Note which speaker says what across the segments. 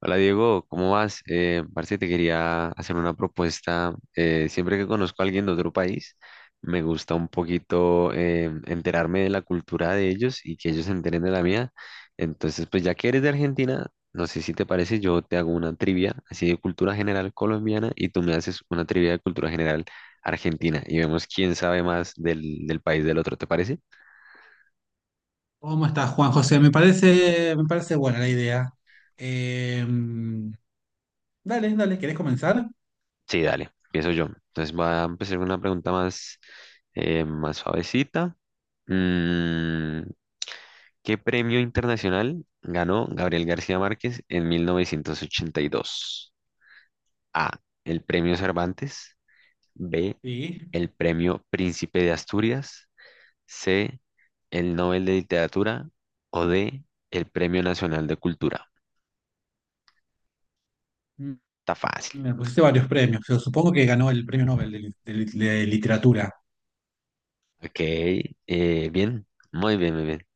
Speaker 1: Hola Diego, ¿cómo vas? Parce, te quería hacer una propuesta. Siempre que conozco a alguien de otro país, me gusta un poquito, enterarme de la cultura de ellos y que ellos se enteren de la mía. Entonces, pues ya que eres de Argentina, no sé si te parece, yo te hago una trivia así de cultura general colombiana y tú me haces una trivia de cultura general argentina y vemos quién sabe más del país del otro, ¿te parece?
Speaker 2: ¿Cómo estás, Juan José? Me parece buena la idea. Eh, dale, dale, ¿querés comenzar?
Speaker 1: Sí, dale, empiezo yo. Entonces va a empezar con una pregunta más, más suavecita. Mm, ¿Qué premio internacional ganó Gabriel García Márquez en 1982? A. El premio Cervantes. B.
Speaker 2: Sí,
Speaker 1: El premio Príncipe de Asturias. C. El Nobel de Literatura. O D. El Premio Nacional de Cultura. Está fácil.
Speaker 2: me pusiste varios premios. Yo supongo que ganó el premio Nobel de literatura.
Speaker 1: Ok. Bien. Muy bien, muy bien.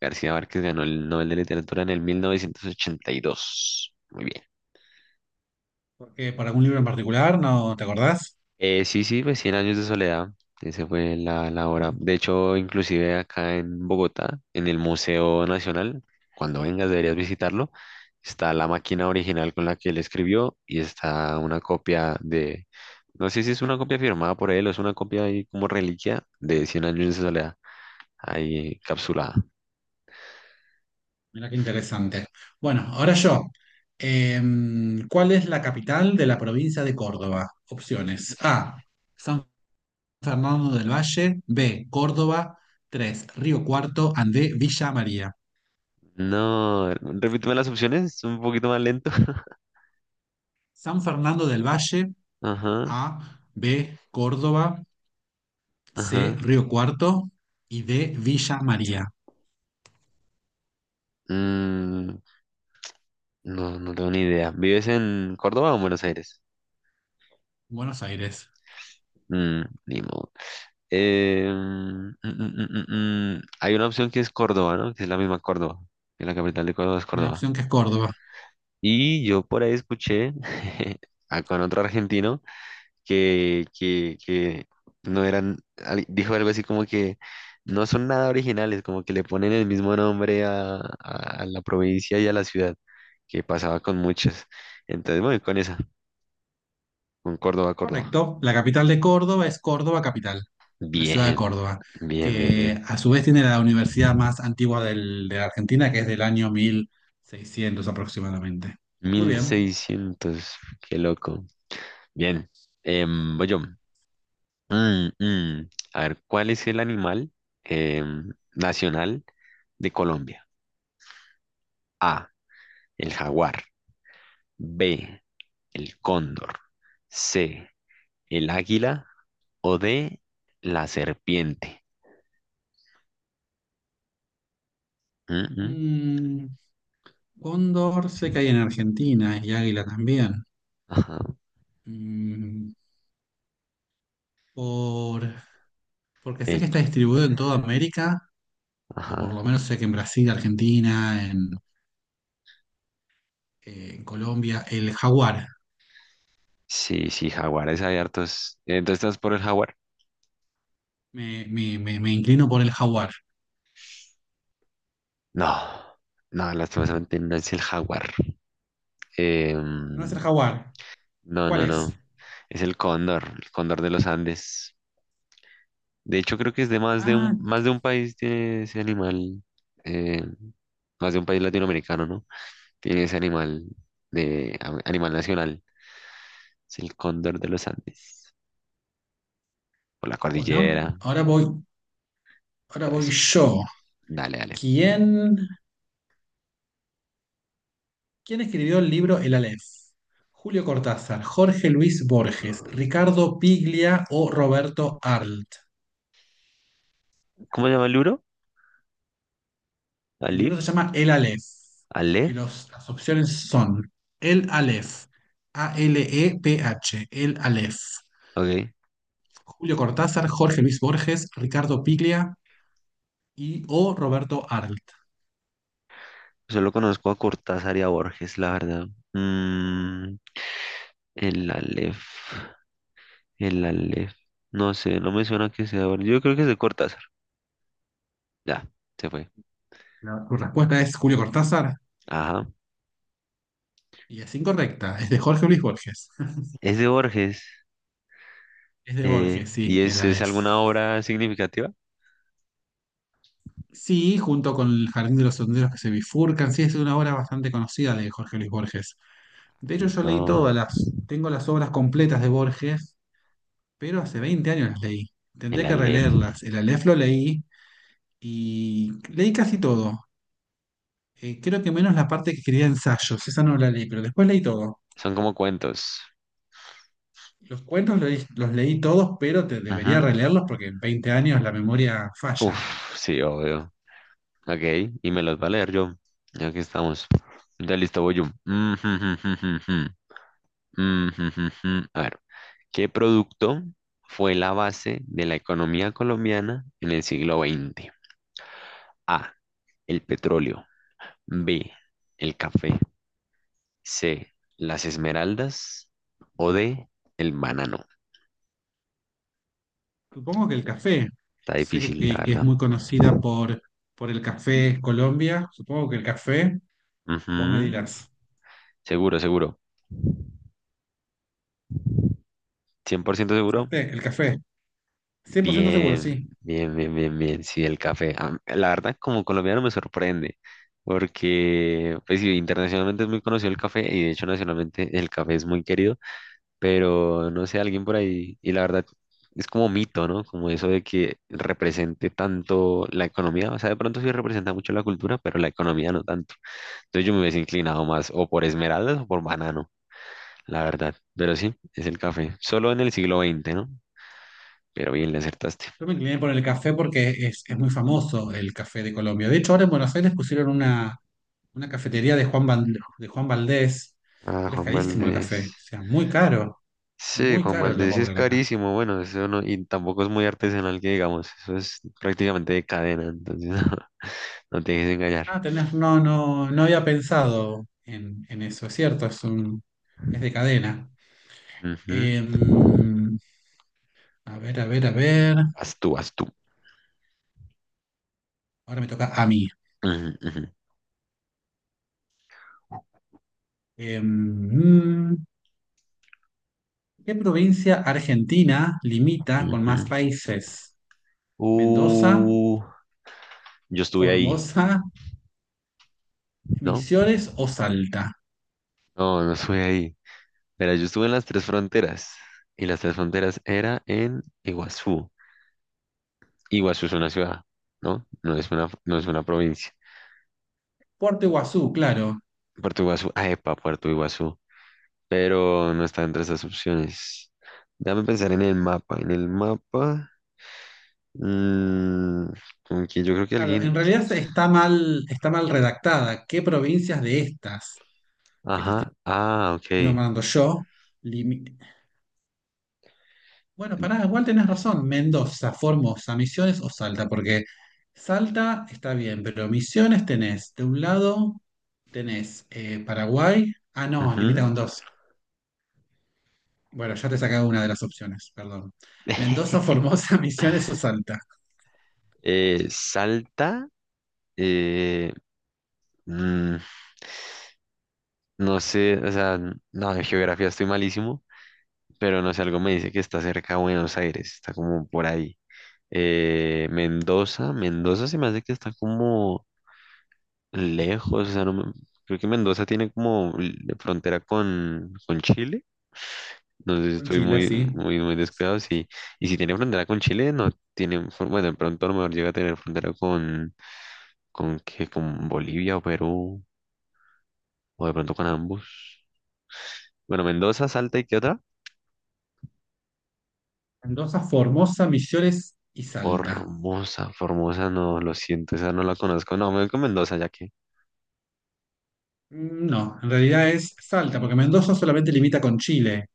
Speaker 1: García Márquez ganó el Nobel de Literatura en el 1982. Muy bien.
Speaker 2: ¿Por qué? ¿Para algún libro en particular? ¿No te acordás?
Speaker 1: Sí, sí, pues Cien años de soledad. Esa fue la obra.
Speaker 2: Mm.
Speaker 1: De hecho, inclusive acá en Bogotá, en el Museo Nacional, cuando vengas deberías visitarlo, está la máquina original con la que él escribió y está una copia de, no sé si es una copia firmada por él o es una copia ahí como reliquia de Cien años de soledad, ahí encapsulada.
Speaker 2: Mirá qué interesante. Bueno, ahora yo. Eh, ¿Cuál es la capital de la provincia de Córdoba? Opciones. A. San Fernando del Valle. B. Córdoba. 3. Río Cuarto. Andé, Villa María.
Speaker 1: No, repíteme las opciones, es un poquito más lento.
Speaker 2: San Fernando del Valle,
Speaker 1: Ajá,
Speaker 2: A, B, Córdoba, C,
Speaker 1: ajá.
Speaker 2: Río Cuarto y D, Villa María,
Speaker 1: Mm, no, no tengo ni idea. ¿Vives en Córdoba o en Buenos Aires?
Speaker 2: Buenos Aires.
Speaker 1: Ni modo. Mm. Hay una opción que es Córdoba, ¿no? Que es la misma Córdoba. Que la capital de Córdoba es
Speaker 2: Una
Speaker 1: Córdoba.
Speaker 2: opción que es Córdoba.
Speaker 1: Y yo por ahí escuché con otro argentino que no eran, dijo algo así como que no son nada originales, como que le ponen el mismo nombre a, a la provincia y a la ciudad, que pasaba con muchas. Entonces, bueno, con esa, con Córdoba, Córdoba.
Speaker 2: Correcto. La capital de Córdoba es Córdoba Capital, la ciudad de
Speaker 1: Bien,
Speaker 2: Córdoba,
Speaker 1: bien, bien,
Speaker 2: que
Speaker 1: bien.
Speaker 2: a su vez tiene la universidad más antigua de la Argentina, que es del año 1600 aproximadamente. Muy
Speaker 1: mil
Speaker 2: bien.
Speaker 1: seiscientos qué loco. Bien, voy yo. Mm, mm. A ver, ¿cuál es el animal nacional de Colombia? A, el jaguar. B, el cóndor. C, el águila. O D, la serpiente. Mm, mm.
Speaker 2: Mm, Cóndor sé que hay en Argentina y águila también.
Speaker 1: Ajá.
Speaker 2: Mm, por Porque sé que
Speaker 1: eh,
Speaker 2: está distribuido en toda América, o por lo
Speaker 1: ajá.
Speaker 2: menos sé que en Brasil, Argentina, en Colombia, el jaguar.
Speaker 1: Sí, sí, jaguares hay hartos. Entonces, ¿estás por el jaguar?
Speaker 2: Me inclino por el jaguar.
Speaker 1: No, no, lastimosamente no es el jaguar.
Speaker 2: No es el
Speaker 1: Em,
Speaker 2: jaguar.
Speaker 1: no,
Speaker 2: ¿Cuál
Speaker 1: no,
Speaker 2: es?
Speaker 1: no. Es el cóndor de los Andes. De hecho, creo que es de
Speaker 2: Ah,
Speaker 1: más de un país tiene ese animal, eh, más de un país latinoamericano, ¿no? Tiene ese animal animal nacional. Es el cóndor de los Andes. Por la
Speaker 2: bueno,
Speaker 1: cordillera,
Speaker 2: ahora voy, ahora
Speaker 1: todo
Speaker 2: voy
Speaker 1: eso.
Speaker 2: yo.
Speaker 1: Dale, dale.
Speaker 2: ¿Quién, quién escribió el libro El Aleph? Julio Cortázar, Jorge Luis Borges, Ricardo Piglia o Roberto Arlt.
Speaker 1: ¿Cómo se llama el libro?
Speaker 2: El libro se
Speaker 1: Alif,
Speaker 2: llama El Aleph y
Speaker 1: Alef,
Speaker 2: las opciones son El Aleph, Aleph, El Aleph,
Speaker 1: ok.
Speaker 2: Julio Cortázar, Jorge Luis Borges, Ricardo Piglia o Roberto Arlt.
Speaker 1: Solo conozco a Cortázar y a Borges, la verdad. Mm, el Alef, el Alef. No sé, no me suena que sea. Borges. Yo creo que es de Cortázar. Ya, se fue.
Speaker 2: Tu respuesta es Julio Cortázar
Speaker 1: Ajá.
Speaker 2: y es incorrecta, es de Jorge Luis Borges.
Speaker 1: Es de Borges.
Speaker 2: Es de Borges, sí,
Speaker 1: ¿Y
Speaker 2: El
Speaker 1: es
Speaker 2: Aleph.
Speaker 1: alguna obra significativa?
Speaker 2: Sí, junto con El Jardín de los Senderos que se bifurcan, sí, es una obra bastante conocida de Jorge Luis Borges. De hecho, yo leí
Speaker 1: No,
Speaker 2: tengo las obras completas de Borges, pero hace 20 años las leí.
Speaker 1: el
Speaker 2: Tendría que
Speaker 1: Aleph.
Speaker 2: releerlas. El Aleph lo leí y leí casi todo. Creo que menos la parte que quería ensayos, esa no la leí, pero después leí todo.
Speaker 1: Son como cuentos.
Speaker 2: Los cuentos los leí, todos, pero debería
Speaker 1: Ajá.
Speaker 2: releerlos porque en 20 años la memoria falla.
Speaker 1: Uf, sí, obvio. Ok, y me los va a leer yo. Ya que estamos. Ya listo, voy yo. Mm, jum, jum, jum, jum, jum. Mm, jum, jum, jum. A ver, ¿qué producto fue la base de la economía colombiana en el siglo XX? A, el petróleo. B, el café. C, las esmeraldas o D, el banano.
Speaker 2: Supongo que el café,
Speaker 1: Está
Speaker 2: sé que,
Speaker 1: difícil, la
Speaker 2: que- que es
Speaker 1: verdad.
Speaker 2: muy conocida por el café Colombia, supongo que el café, vos me
Speaker 1: Ujú.
Speaker 2: dirás.
Speaker 1: Seguro, seguro. 100% seguro.
Speaker 2: El café, 100% seguro,
Speaker 1: Bien,
Speaker 2: sí.
Speaker 1: bien, bien, bien, bien. Sí, el café. La verdad, como colombiano me sorprende, porque pues sí, internacionalmente es muy conocido el café y de hecho nacionalmente el café es muy querido, pero no sé, alguien por ahí, y la verdad es como mito, ¿no? Como eso de que represente tanto la economía, o sea, de pronto sí representa mucho la cultura, pero la economía no tanto. Entonces yo me hubiese inclinado más o por esmeraldas o por banano, la verdad. Pero sí, es el café. Solo en el siglo XX, ¿no? Pero bien, le acertaste.
Speaker 2: Yo me incliné por el café porque es muy famoso el café de Colombia. De hecho, ahora en Buenos Aires pusieron una cafetería de Juan Valdés,
Speaker 1: Ah,
Speaker 2: pero es
Speaker 1: Juan
Speaker 2: carísimo el
Speaker 1: Valdés.
Speaker 2: café. O sea,
Speaker 1: Sí,
Speaker 2: muy
Speaker 1: Juan
Speaker 2: caro lo
Speaker 1: Valdés sí es
Speaker 2: cobran acá.
Speaker 1: carísimo. Bueno, eso no, y tampoco es muy artesanal que digamos. Eso es prácticamente de cadena, entonces no, no te dejes engañar.
Speaker 2: Ah, no, no, no había pensado en eso, es cierto, es de cadena.
Speaker 1: Ujú.
Speaker 2: Em, a ver, a ver, a ver.
Speaker 1: Haz tú, haz tú.
Speaker 2: Ahora me toca a mí.
Speaker 1: Ujú, ujú,
Speaker 2: Em, mm, ¿Qué provincia argentina limita con más
Speaker 1: ujú.
Speaker 2: países? ¿Mendoza?
Speaker 1: Uh, yo estuve ahí,
Speaker 2: Formosa,
Speaker 1: ¿no?
Speaker 2: Misiones o Salta.
Speaker 1: No, no estuve ahí. Mira, yo estuve en las tres fronteras y las tres fronteras era en Iguazú. Iguazú es una ciudad, ¿no? No es una, no es una provincia.
Speaker 2: Puerto Iguazú, claro.
Speaker 1: Puerto Iguazú, ah, epa, Puerto Iguazú, pero no está entre esas opciones. Déjame pensar en el mapa. En el mapa, mm, como que yo creo que
Speaker 2: Claro, en
Speaker 1: alguien,
Speaker 2: realidad está mal redactada. ¿Qué provincias de estas que te estoy
Speaker 1: ajá, ah, ok.
Speaker 2: nombrando yo? limi- Bueno, pará, igual tenés razón. Mendoza, Formosa, Misiones o Salta, porque Salta está bien, pero Misiones tenés. De un lado tenés Paraguay. Ah, no, limita
Speaker 1: Ujú.
Speaker 2: con dos. Bueno, ya te he una de las opciones, perdón. Mendoza, Formosa, Misiones o Salta.
Speaker 1: Salta, eh, mm, no sé, o sea, no, en geografía estoy malísimo. Pero no sé, algo me dice que está cerca de Buenos Aires, está como por ahí. Mendoza, Mendoza se me hace que está como lejos, o sea, no me- creo que Mendoza tiene como frontera con Chile, no sé si
Speaker 2: Con
Speaker 1: estoy
Speaker 2: Chile,
Speaker 1: muy,
Speaker 2: sí.
Speaker 1: muy, muy descuidado, sí, y si tiene frontera con Chile, no tiene, bueno, de pronto a lo mejor llega a tener frontera con, ¿qué? Con Bolivia o Perú, o de pronto con ambos. Bueno, Mendoza, Salta y ¿qué otra?
Speaker 2: Mendoza, Formosa, Misiones y Salta.
Speaker 1: Formosa, Formosa, no, lo siento, esa no la conozco. No, me voy con Mendoza, ya que.
Speaker 2: No, en realidad es Salta, porque Mendoza solamente limita con Chile.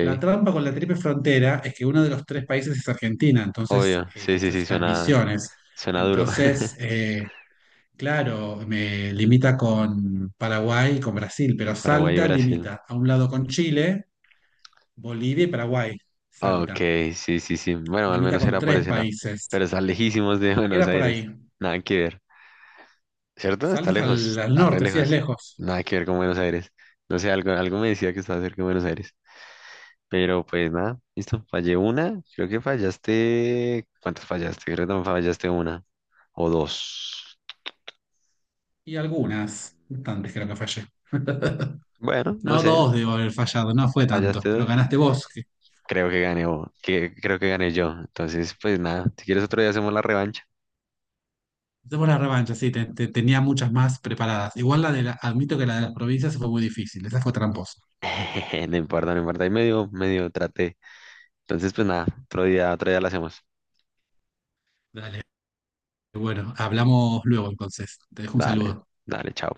Speaker 2: La trampa con la triple frontera es que uno de los tres países es Argentina, entonces
Speaker 1: obvio, sí, sí,
Speaker 2: esto
Speaker 1: sí,
Speaker 2: está en
Speaker 1: suena,
Speaker 2: Misiones.
Speaker 1: suena duro.
Speaker 2: Entonces, claro, me limita con Paraguay y con Brasil, pero
Speaker 1: Paraguay y
Speaker 2: Salta
Speaker 1: Brasil.
Speaker 2: limita a un lado con Chile, Bolivia y Paraguay.
Speaker 1: Ok,
Speaker 2: Salta.
Speaker 1: sí, sí, sí. Bueno, al
Speaker 2: Limita
Speaker 1: menos
Speaker 2: con
Speaker 1: era por
Speaker 2: tres
Speaker 1: ese lado.
Speaker 2: países.
Speaker 1: Pero están lejísimos de Buenos
Speaker 2: Era por
Speaker 1: Aires.
Speaker 2: ahí.
Speaker 1: Nada que ver. ¿Cierto? Está
Speaker 2: Salta hasta
Speaker 1: lejos,
Speaker 2: al
Speaker 1: está re
Speaker 2: norte, sí, es
Speaker 1: lejos.
Speaker 2: lejos.
Speaker 1: Nada que ver con Buenos Aires. No sé, algo, algo me decía que estaba cerca de Buenos Aires. Pero pues nada, listo. Fallé una. Creo que fallaste. ¿Cuántas fallaste? Creo que también fallaste una o dos.
Speaker 2: Y
Speaker 1: Mm,
Speaker 2: algunas, bastantes creo que fallé.
Speaker 1: Bueno, no
Speaker 2: No,
Speaker 1: sé,
Speaker 2: dos debo haber fallado, no fue tanto,
Speaker 1: fallaste
Speaker 2: pero
Speaker 1: dos.
Speaker 2: ganaste vos. Que,
Speaker 1: Creo que gané vos, que creo que gané yo. Entonces, pues nada, si quieres otro día hacemos la revancha.
Speaker 2: hacemos la revancha, sí, tenía muchas más preparadas. Igual admito que la de las provincias fue muy difícil, esa fue tramposa.
Speaker 1: No importa, no importa. Ahí medio, medio traté. Entonces, pues nada, otro día la hacemos.
Speaker 2: Dale, bueno, hablamos luego entonces. Te dejo un
Speaker 1: Dale,
Speaker 2: saludo.
Speaker 1: dale, chao.